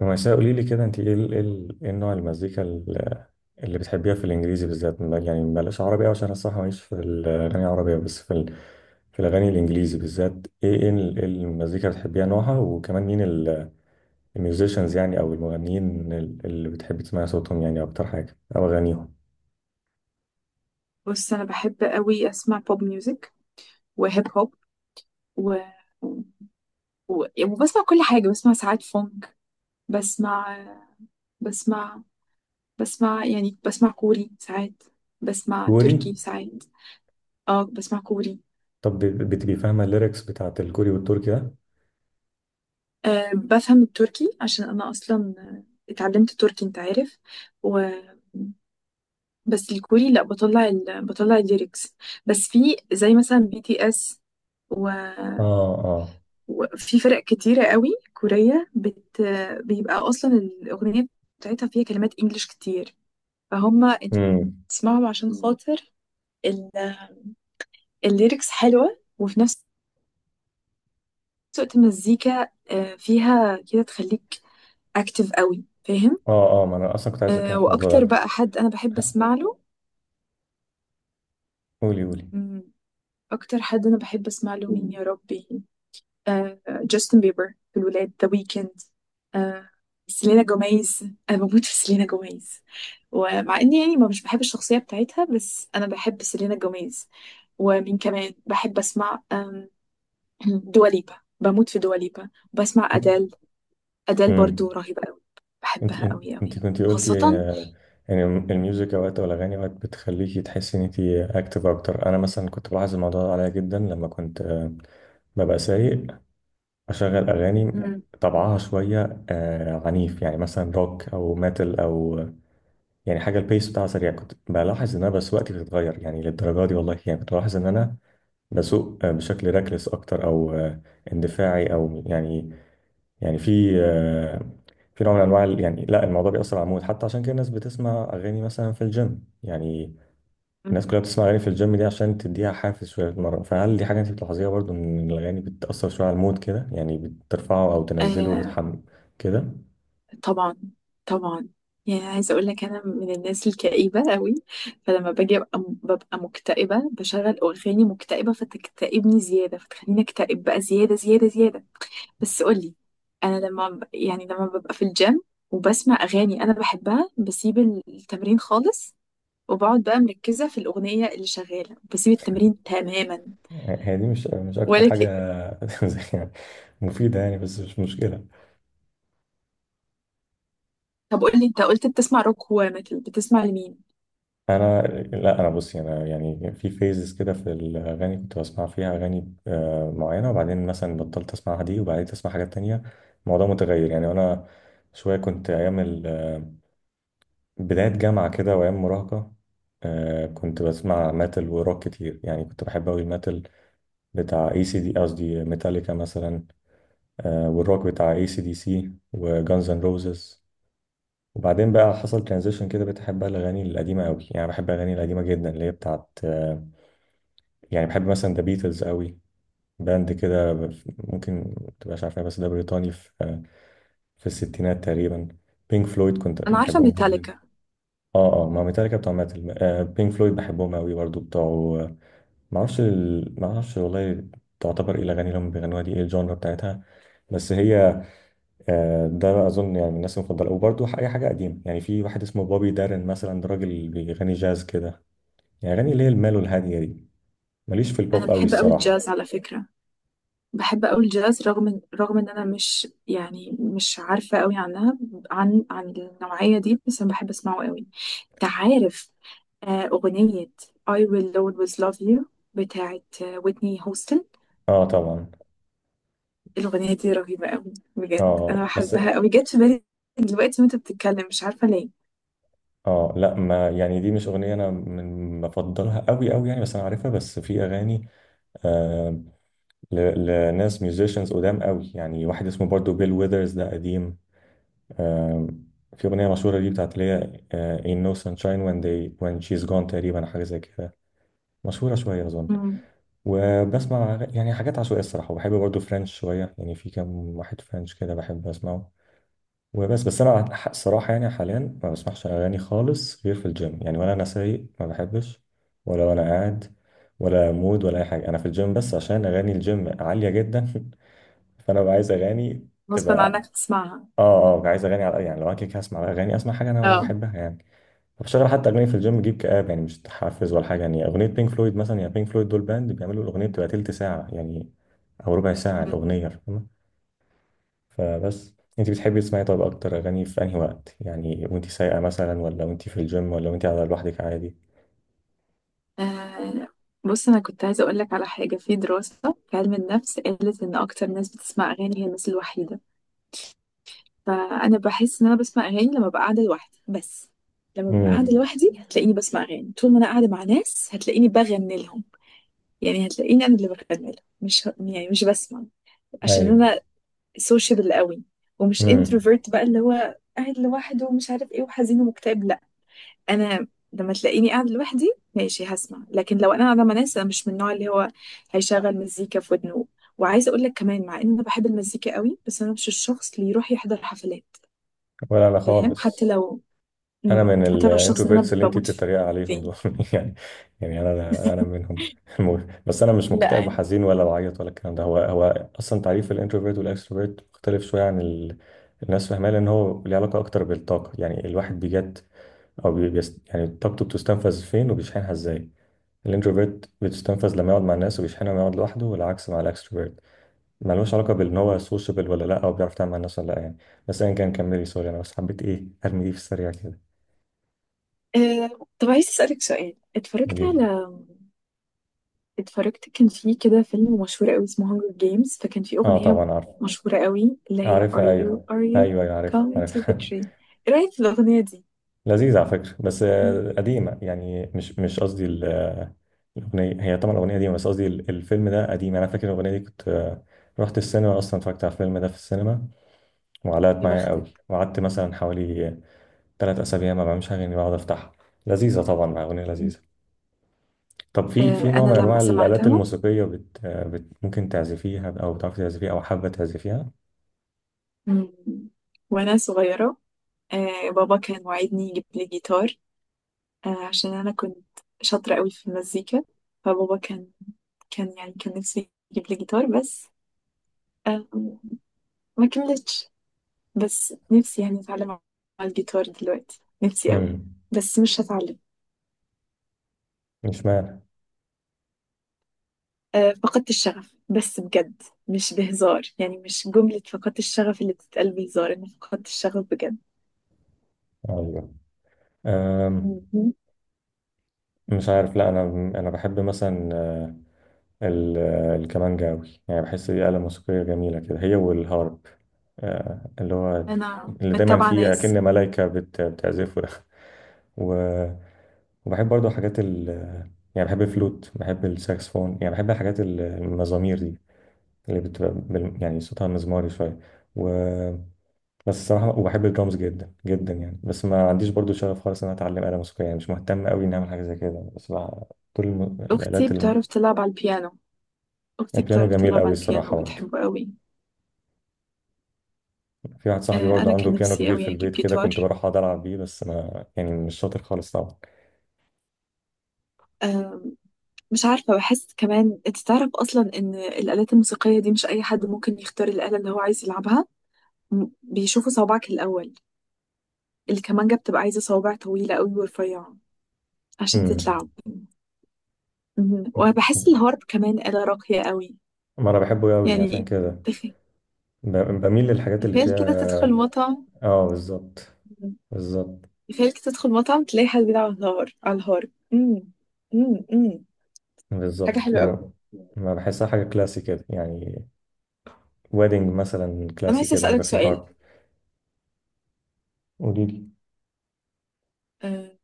ومأساة قولي لي كده، انت ايه نوع المزيكا اللي بتحبيها في الانجليزي بالذات؟ يعني بلاش عربي أوي، عشان أنا الصراحه ماليش في الاغاني العربيه، بس في الاغاني الانجليزي بالذات. إيه المزيكا اللي بتحبيها؟ نوعها، وكمان مين الميوزيشنز يعني او المغنيين اللي بتحبي تسمعي صوتهم يعني اكتر حاجه او اغانيهم؟ بص، انا بحب قوي اسمع بوب ميوزك وهيب هوب. و... وبسمع كل حاجه، بسمع ساعات فونك. بسمع بسمع بسمع يعني بسمع كوري ساعات، بسمع كوري؟ تركي ساعات. اه، بسمع كوري. طب بتبقي فاهمه الليركس بتاعت الكوري والتركي ده؟ أه، بفهم التركي عشان أنا أصلا اتعلمت تركي، أنت عارف. و... بس الكوري لأ، بطلع الليركس، بس في زي مثلا بي تي اس. و... اه اه. وفي فرق كتيرة قوي كورية، بيبقى أصلا الأغنية بتاعتها فيها كلمات إنجليش كتير، فهم أنت؟ امم. بتسمعهم عشان خاطر ال... الليركس حلوة، وفي نفس الوقت المزيكا فيها كده تخليك أكتف قوي، فاهم؟ اه اه، ما انا اصلا كنت عايز اتكلم في الموضوع واكتر ده. بقى حد انا بحب اسمع له، قولي قولي. مم، اكتر حد انا بحب اسمع له مين؟ يا ربي. جاستن بيبر، في الولاد، ذا ويكند. آه، سيلينا جوميز. انا بموت في سيلينا جوميز، ومع اني يعني ما مش بحب الشخصيه بتاعتها، بس انا بحب سيلينا جوميز. ومين كمان بحب اسمع؟ دواليبا. بموت في دواليبا. بسمع ادال. ادال امم. برضو رهيبه قوي. انت بحبها انت قوي قوي، انت كنت قلتي خاصه. يعني الميوزك اوقات او الاغاني اوقات بتخليكي تحسي ان انت اكتف اكتر. انا مثلا كنت بلاحظ الموضوع ده عليا جدا لما كنت ببقى سايق، اشغل اغاني طبعها شويه عنيف، يعني مثلا روك او ميتال او يعني حاجه البيس بتاعها سريع، كنت بلاحظ ان انا سواقتي بتتغير يعني للدرجه دي، والله يعني كنت بلاحظ ان انا بسوق بشكل راكلس اكتر، او اندفاعي، او يعني يعني في في نوع من انواع، يعني لا الموضوع بيأثر على المود حتى، عشان كده الناس بتسمع اغاني مثلا في الجيم يعني. مم. الناس كلها بتسمع اغاني في الجيم دي عشان تديها حافز شويه تتمرن. فهل دي حاجه انت بتلاحظيها برضو، ان الاغاني بتأثر شويه على المود كده، يعني بترفعه او تنزله بتحم كده؟ طبعا، طبعا. يعني عايزه اقول لك، انا من الناس الكئيبه قوي، فلما باجي ببقى مكتئبه بشغل اغاني مكتئبه، فتكتئبني زياده، فتخليني اكتئب بقى زياده زياده زياده. بس قولي. انا لما يعني لما ببقى في الجيم وبسمع اغاني انا بحبها، بسيب التمرين خالص وبقعد بقى مركزه في الاغنيه اللي شغاله، بسيب التمرين تماما. هي دي مش اكتر ولا حاجه ك... زي يعني مفيده يعني، بس مش مشكله. طب قولي، انت قلت بتسمع روك، هو متل بتسمع لمين؟ انا لا انا بصي، انا يعني في فيزز كده، في الاغاني كنت بسمع فيها اغاني معينه، وبعدين مثلا بطلت اسمعها دي وبعدين اسمع حاجات تانية، الموضوع متغير يعني. انا شويه كنت ايام ال- آه، بدايه جامعه كده وايام مراهقه كنت بسمع ميتال وروك كتير، يعني كنت بحب اوي الميتال بتاع اي سي دي، قصدي ميتاليكا مثلا، والروك بتاع اي سي دي سي وجانز اند روزز. وبعدين بقى حصل ترانزيشن كده، بتحب بقى الاغاني القديمه قوي، يعني بحب الاغاني القديمه جدا اللي هي بتاعت يعني بحب مثلا ذا بيتلز قوي، باند كده، ممكن ما تبقاش عارفها، بس ده بريطاني في في الستينات تقريبا. بينك فلويد كنت انا عارفه بحبهم جدا. ميتاليكا. اه اه، ما ميتاليكا بتوع ماتل، آه بينك فلويد بحبهم قوي برضو، بتوع ما اعرفش والله تعتبر ايه الاغاني اللي هم بيغنوها دي؟ ايه الجانرا بتاعتها؟ بس هي آه، ده اظن يعني من الناس المفضله. وبرضو اي حاجه قديمه، يعني في واحد اسمه بوبي دارن مثلا، ده راجل بيغني جاز كده، يعني اغاني اللي هي المال والهاديه دي. ماليش في انا البوب قوي بحب قوي الصراحه. الجاز على فكره. بحب أوي الجاز رغم إن أنا مش يعني مش عارفة أوي عنها، عن النوعية دي، بس أنا بحب أسمعه أوي. تعرف؟ أغنية I will always love you بتاعت ويتني هوستن. اه طبعا. الأغنية دي رهيبة أوي، بجد أنا اه بس. بحبها أوي، جت في بالي دلوقتي وأنت بتتكلم، مش عارفة ليه. اه لا، ما يعني دي مش اغنيه انا من بفضلها قوي قوي يعني، بس انا عارفها. بس في اغاني آه ل- لناس ميوزيشنز قدام قوي، يعني واحد اسمه برضو بيل ويذرز، ده قديم آه، في اغنيه مشهوره ليه بتاعت اللي هي آه in no sunshine when they when she's gone تقريبا، حاجه زي كده، مشهوره شويه اظن. مم. وبسمع يعني حاجات عشوائيه الصراحه. وبحب برضو فرنش شويه، يعني في كام واحد فرنش كده بحب اسمعه. بس انا ح- الصراحه يعني حاليا ما بسمعش اغاني خالص غير في الجيم يعني، ولا انا سايق ما بحبش، ولا وانا قاعد، ولا مود ولا اي حاجه، انا في الجيم بس عشان اغاني الجيم عاليه جدا فانا ببقى عايز اغاني غصبا عنك تبقى، تسمعها. اه اه، عايز اغاني على يعني لو انا كده كده هسمع اغاني، اسمع حاجه انا اه. بحبها يعني. فبشغل حتى اغاني في الجيم جيب كآب، يعني مش تحفز ولا حاجه، يعني اغنيه بينك فلويد مثلا، يا بينك فلويد دول باند بيعملوا الاغنيه بتبقى تلت ساعه يعني، او ربع ساعه مم. الاغنيه. فبس انت بتحبي تسمعي طب اكتر اغاني في انهي وقت يعني؟ وانت سايقه مثلا، ولا وانت في الجيم، ولا وانت قاعده لوحدك عادي؟ آه، بص، أنا كنت عايزة أقولك على حاجة، في دراسة في علم النفس قالت إن أكتر ناس بتسمع أغاني هي الناس الوحيدة، فانا بحس ان انا بسمع اغاني لما ببقى قاعده لوحدي بس. لما ببقى قاعده امم. لوحدي هتلاقيني بسمع اغاني، طول ما انا قاعده مع ناس هتلاقيني بغني لهم، يعني هتلاقيني انا اللي بغني لهم، مش ه- يعني مش بسمع، عشان ايوه. انا سوشيبل قوي، ومش امم. انتروفيرت بقى اللي هو قاعد لوحده ومش عارف ايه وحزين ومكتئب، لا. انا لما تلاقيني قاعده لوحدي ماشي هسمع، لكن لو انا قاعده مع ناس، انا مش من النوع اللي هو هيشغل مزيكا في ودنه. وعايزه اقول لك كمان، مع ان انا بحب المزيكا قوي، بس انا مش الشخص اللي يروح يحضر حفلات. ولا انا فاهم؟ حتى خالص. لو انا من هتعرف الشخص اللي انا الانتروفيرتس اللي انت بموت بتتريق عليهم فيه. دول يعني، يعني انا منهم. المهم، بس انا مش لا مكتئب يعني. وحزين ولا بعيط ولا الكلام ده، هو هو اصلا تعريف الانتروفيرت والاكستروفيرت مختلف شويه عن الناس فاهماه، لان هو ليه علاقه اكتر بالطاقه. يعني الواحد بيجت او يعني طاقته بتستنفذ فين وبيشحنها ازاي. الانتروفيرت بتستنفذ لما يقعد مع الناس وبيشحنها لما يقعد لوحده، والعكس مع الاكستروفيرت. ملوش علاقه بان هو سوشيبل ولا لا، او بيعرف يتعامل مع الناس ولا لا يعني. بس ايا كان، كملي، سوري انا بس حبيت ايه ارمي دي في السريع كده. طب عايز اسالك سؤال، قولي لي. اتفرجت، كان في كده فيلم مشهور قوي اسمه هانجر جيمز، فكان في اه اغنيه طبعا عارف. مشهوره قوي، اللي هي عارفها Are you ايوه. are you ايوه ايوه عارف coming to عارف the tree. ايه رايك في الاغنيه دي؟ لذيذ على فكره، بس مم. قديمه يعني، مش قصدي الاغنيه، هي طبعا الاغنيه قديمه، بس قصدي ال- الفيلم ده قديم. انا فاكر الاغنيه دي كنت رحت السينما اصلا، اتفرجت على الفيلم ده في السينما وعلقت يا معايا قوي، بختك. وقعدت مثلا حوالي 3 اسابيع ما بعملش اغاني بقعد افتحها. لذيذه طبعا، مع اغنيه مم. لذيذه. طب في في نوع انا من لما انواع الالات سمعتها الموسيقيه ممكن تعزفيها او بتعرفي تعزفيها او حابه تعزفيها؟ مم. وانا صغيره. بابا كان وعدني يجيب لي جيتار، عشان انا كنت شاطره قوي في المزيكا. فبابا كان كان يعني كان نفسه يجيب لي جيتار، بس آه، ما كملتش. بس نفسي يعني اتعلم على الجيتار دلوقتي، نفسي قوي، امم. بس مش هتعلم. مش معنى. فقدت الشغف، بس بجد مش بهزار، يعني مش جملة فقدت الشغف اللي بتتقال بهزار، انا فقدت الشغف بجد. ايوه. أم... مهم. مش عارف. لا انا بحب مثلا ال... الكمانجا قوي، يعني بحس دي آلة موسيقيه جميله كده، هي والهارب، اللي هو انا اللي دايما متابعة فيه اكن ناس. ملايكه بتعزفه ده، و... وبحب برضو حاجات ال يعني، بحب الفلوت، بحب الساكسفون، يعني بحب الحاجات المزامير دي اللي بتبقى يعني صوتها مزماري شوية، و بس الصراحة، وبحب الدرامز جدا جدا يعني. بس ما عنديش برضو شغف خالص إن أنا أتعلم آلة موسيقية، يعني مش مهتم أوي إني أعمل حاجة زي كده، بس بقى كل اختي الآلات ال-. بتعرف تلعب على البيانو اختي البيانو بتعرف جميل تلعب أوي على البيانو الصراحة برضو، وبتحبه قوي. في واحد صاحبي برضو انا عنده كان بيانو نفسي كبير قوي في اجيب البيت كده، كنت جيتار. بروح أقعد ألعب بيه، بس ما يعني مش شاطر خالص طبعا. آم، مش عارفة، بحس كمان انت تعرف اصلا ان الآلات الموسيقية دي مش اي حد ممكن يختار الآلة اللي هو عايز يلعبها. بيشوفوا صوابعك الاول، الكمانجة بتبقى عايزة صوابع طويلة قوي ورفيعة عشان أمم. تتلعب. مهم. وبحس الهارب كمان آلة راقية قوي، ما أنا بحبه أوي عشان يعني كده، تخ- بميل للحاجات اللي تخيل كده تدخل فيها. مطعم اه بالظبط. بالظبط. تخيل كده تدخل مطعم تلاقي حد بيلعب على على الهارب. مم. مم. مم. حاجة بالظبط، حلوة ما قوي. ما بحسها حاجة كلاسي كده يعني. ويدنج مثلا انا كلاسي عايزة كده هيبقى اسألك فيه سؤال. هارب. قولي لي. آه،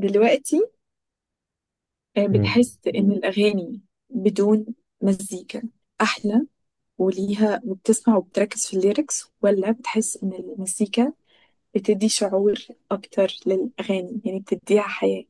دلوقتي مم. بتحس إن الأغاني بدون مزيكا أحلى، وليها وبتسمع وبتركز في الليركس، ولا بتحس إن المزيكا بتدي شعور أكتر للأغاني، يعني بتديها حياة؟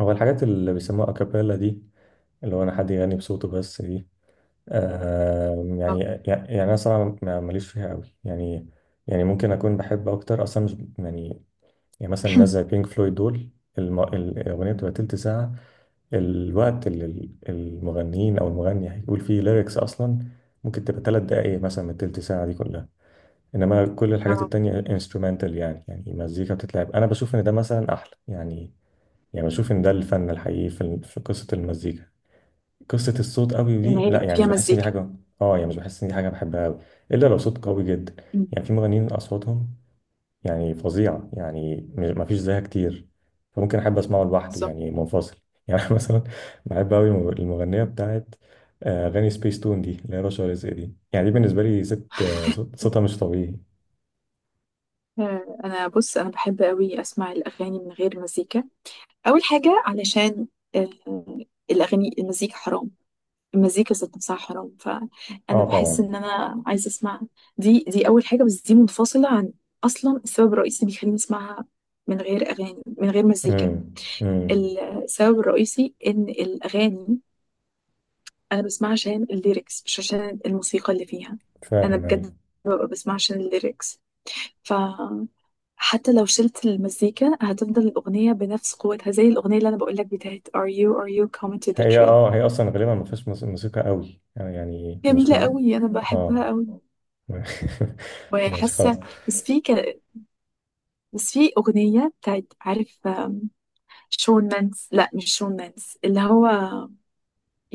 هو الحاجات اللي بيسموها أكابيلا دي، اللي هو أنا حد يغني بصوته بس دي؟ آه يعني، آه. يعني أنا صراحة ما- ماليش فيها قوي يعني، يعني ممكن أكون بحب أكتر أصلا مش يعني، يعني مثلا ناس زي بينك فلويد دول، الأغنية بتبقى تلت ساعة، الوقت اللي المغنيين او المغني هيقول فيه ليركس اصلا ممكن تبقى 3 دقائق مثلا من التلت ساعه دي كلها، انما كل الحاجات آه، التانية انسترومنتال يعني، يعني مزيكا بتتلعب. انا بشوف ان ده مثلا احلى يعني، يعني بشوف ان ده الفن الحقيقي في في قصه المزيكا. قصه الصوت قوي إن دي هي لا يبقى يعني مش فيها بحس ان دي مزيكا. حاجه، اه يعني مش بحس ان دي حاجه بحبها قوي، الا لو صوت قوي جدا. مم. يعني في مغنيين اصواتهم يعني فظيعة يعني، مفيش زيها كتير، فممكن أحب أسمعه لوحده بالظبط. يعني منفصل يعني. أنا مثلا بحب أوي المغنية بتاعت أغاني سبيس تون دي اللي هي رشا رزق دي، يعني دي بالنسبة لي ست صوتها مش طبيعي. أنا، بص، أنا بحب أوي أسمع الأغاني من غير مزيكا. أول حاجة علشان آه، الأغاني، المزيكا حرام، المزيكا ذات نفسها حرام، فانا اه بحس طبعا. ان انا عايزه اسمع. دي اول حاجه، بس دي منفصله عن اصلا السبب الرئيسي اللي بيخليني اسمعها من غير اغاني من غير مزيكا. امم. امم. السبب الرئيسي ان الاغاني انا بسمعها عشان الليركس، مش عشان الموسيقى اللي فيها. انا فاهم ايوه. بجد ببقى بسمعها عشان الليركس، ف حتى لو شلت المزيكا هتفضل الأغنية بنفس قوتها، زي الأغنية اللي أنا بقولك بتاعت Are you are you coming to the هي tree. اه هي اصلا غالبا ما فيهاش موسيقى قوي يعني، يعني مش جميلة ما. قوي، أنا بحبها اه قوي ماشي خلاص. وحاسه. بس في ك... بس في اغنيه بتاعت، عارف؟ شون مانس، لا مش شون مانس، اللي هو،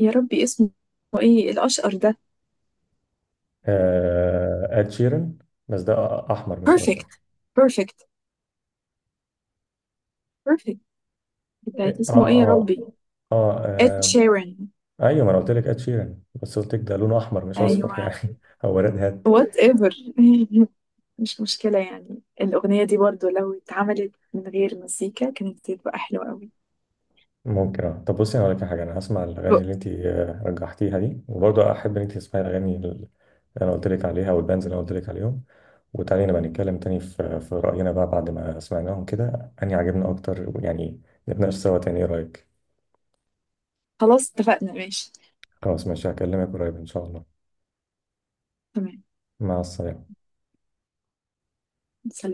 يا ربي اسمه ايه، الاشقر ده؟ آه اد شيرن، بس ده احمر مش بيرفكت، اشقر. بيرفكت، بيرفكت بتاعت اه اسمه ايه؟ يا اه. ربي. اه, اد آه. شيران. ايوه ما انا قلت لك اد شيران، بس قلت لك ده لونه احمر مش اصفر ايوه، يعني هو ريد هات. وات ايفر. مش مشكله، يعني الاغنيه دي برضو لو اتعملت من غير مزيكا كانت هتبقى حلوه قوي. ممكن اه. طب بصي انا هقول لك على حاجه، انا هسمع الاغاني اللي انت رجحتيها دي، وبرضه احب ان انت تسمعي الاغاني اللي انا قلت لك عليها والبانز اللي انا قلت لك عليهم، وتعالي نبقى نتكلم تاني في راينا بقى بعد ما سمعناهم كده، اني عجبنا اكتر يعني، نتناقش سوا تاني، ايه رايك؟ خلاص، اتفقنا، ماشي. خلاص ماشي، هكلمك قريب ان شاء الله. تمام. مع السلامه. سلام.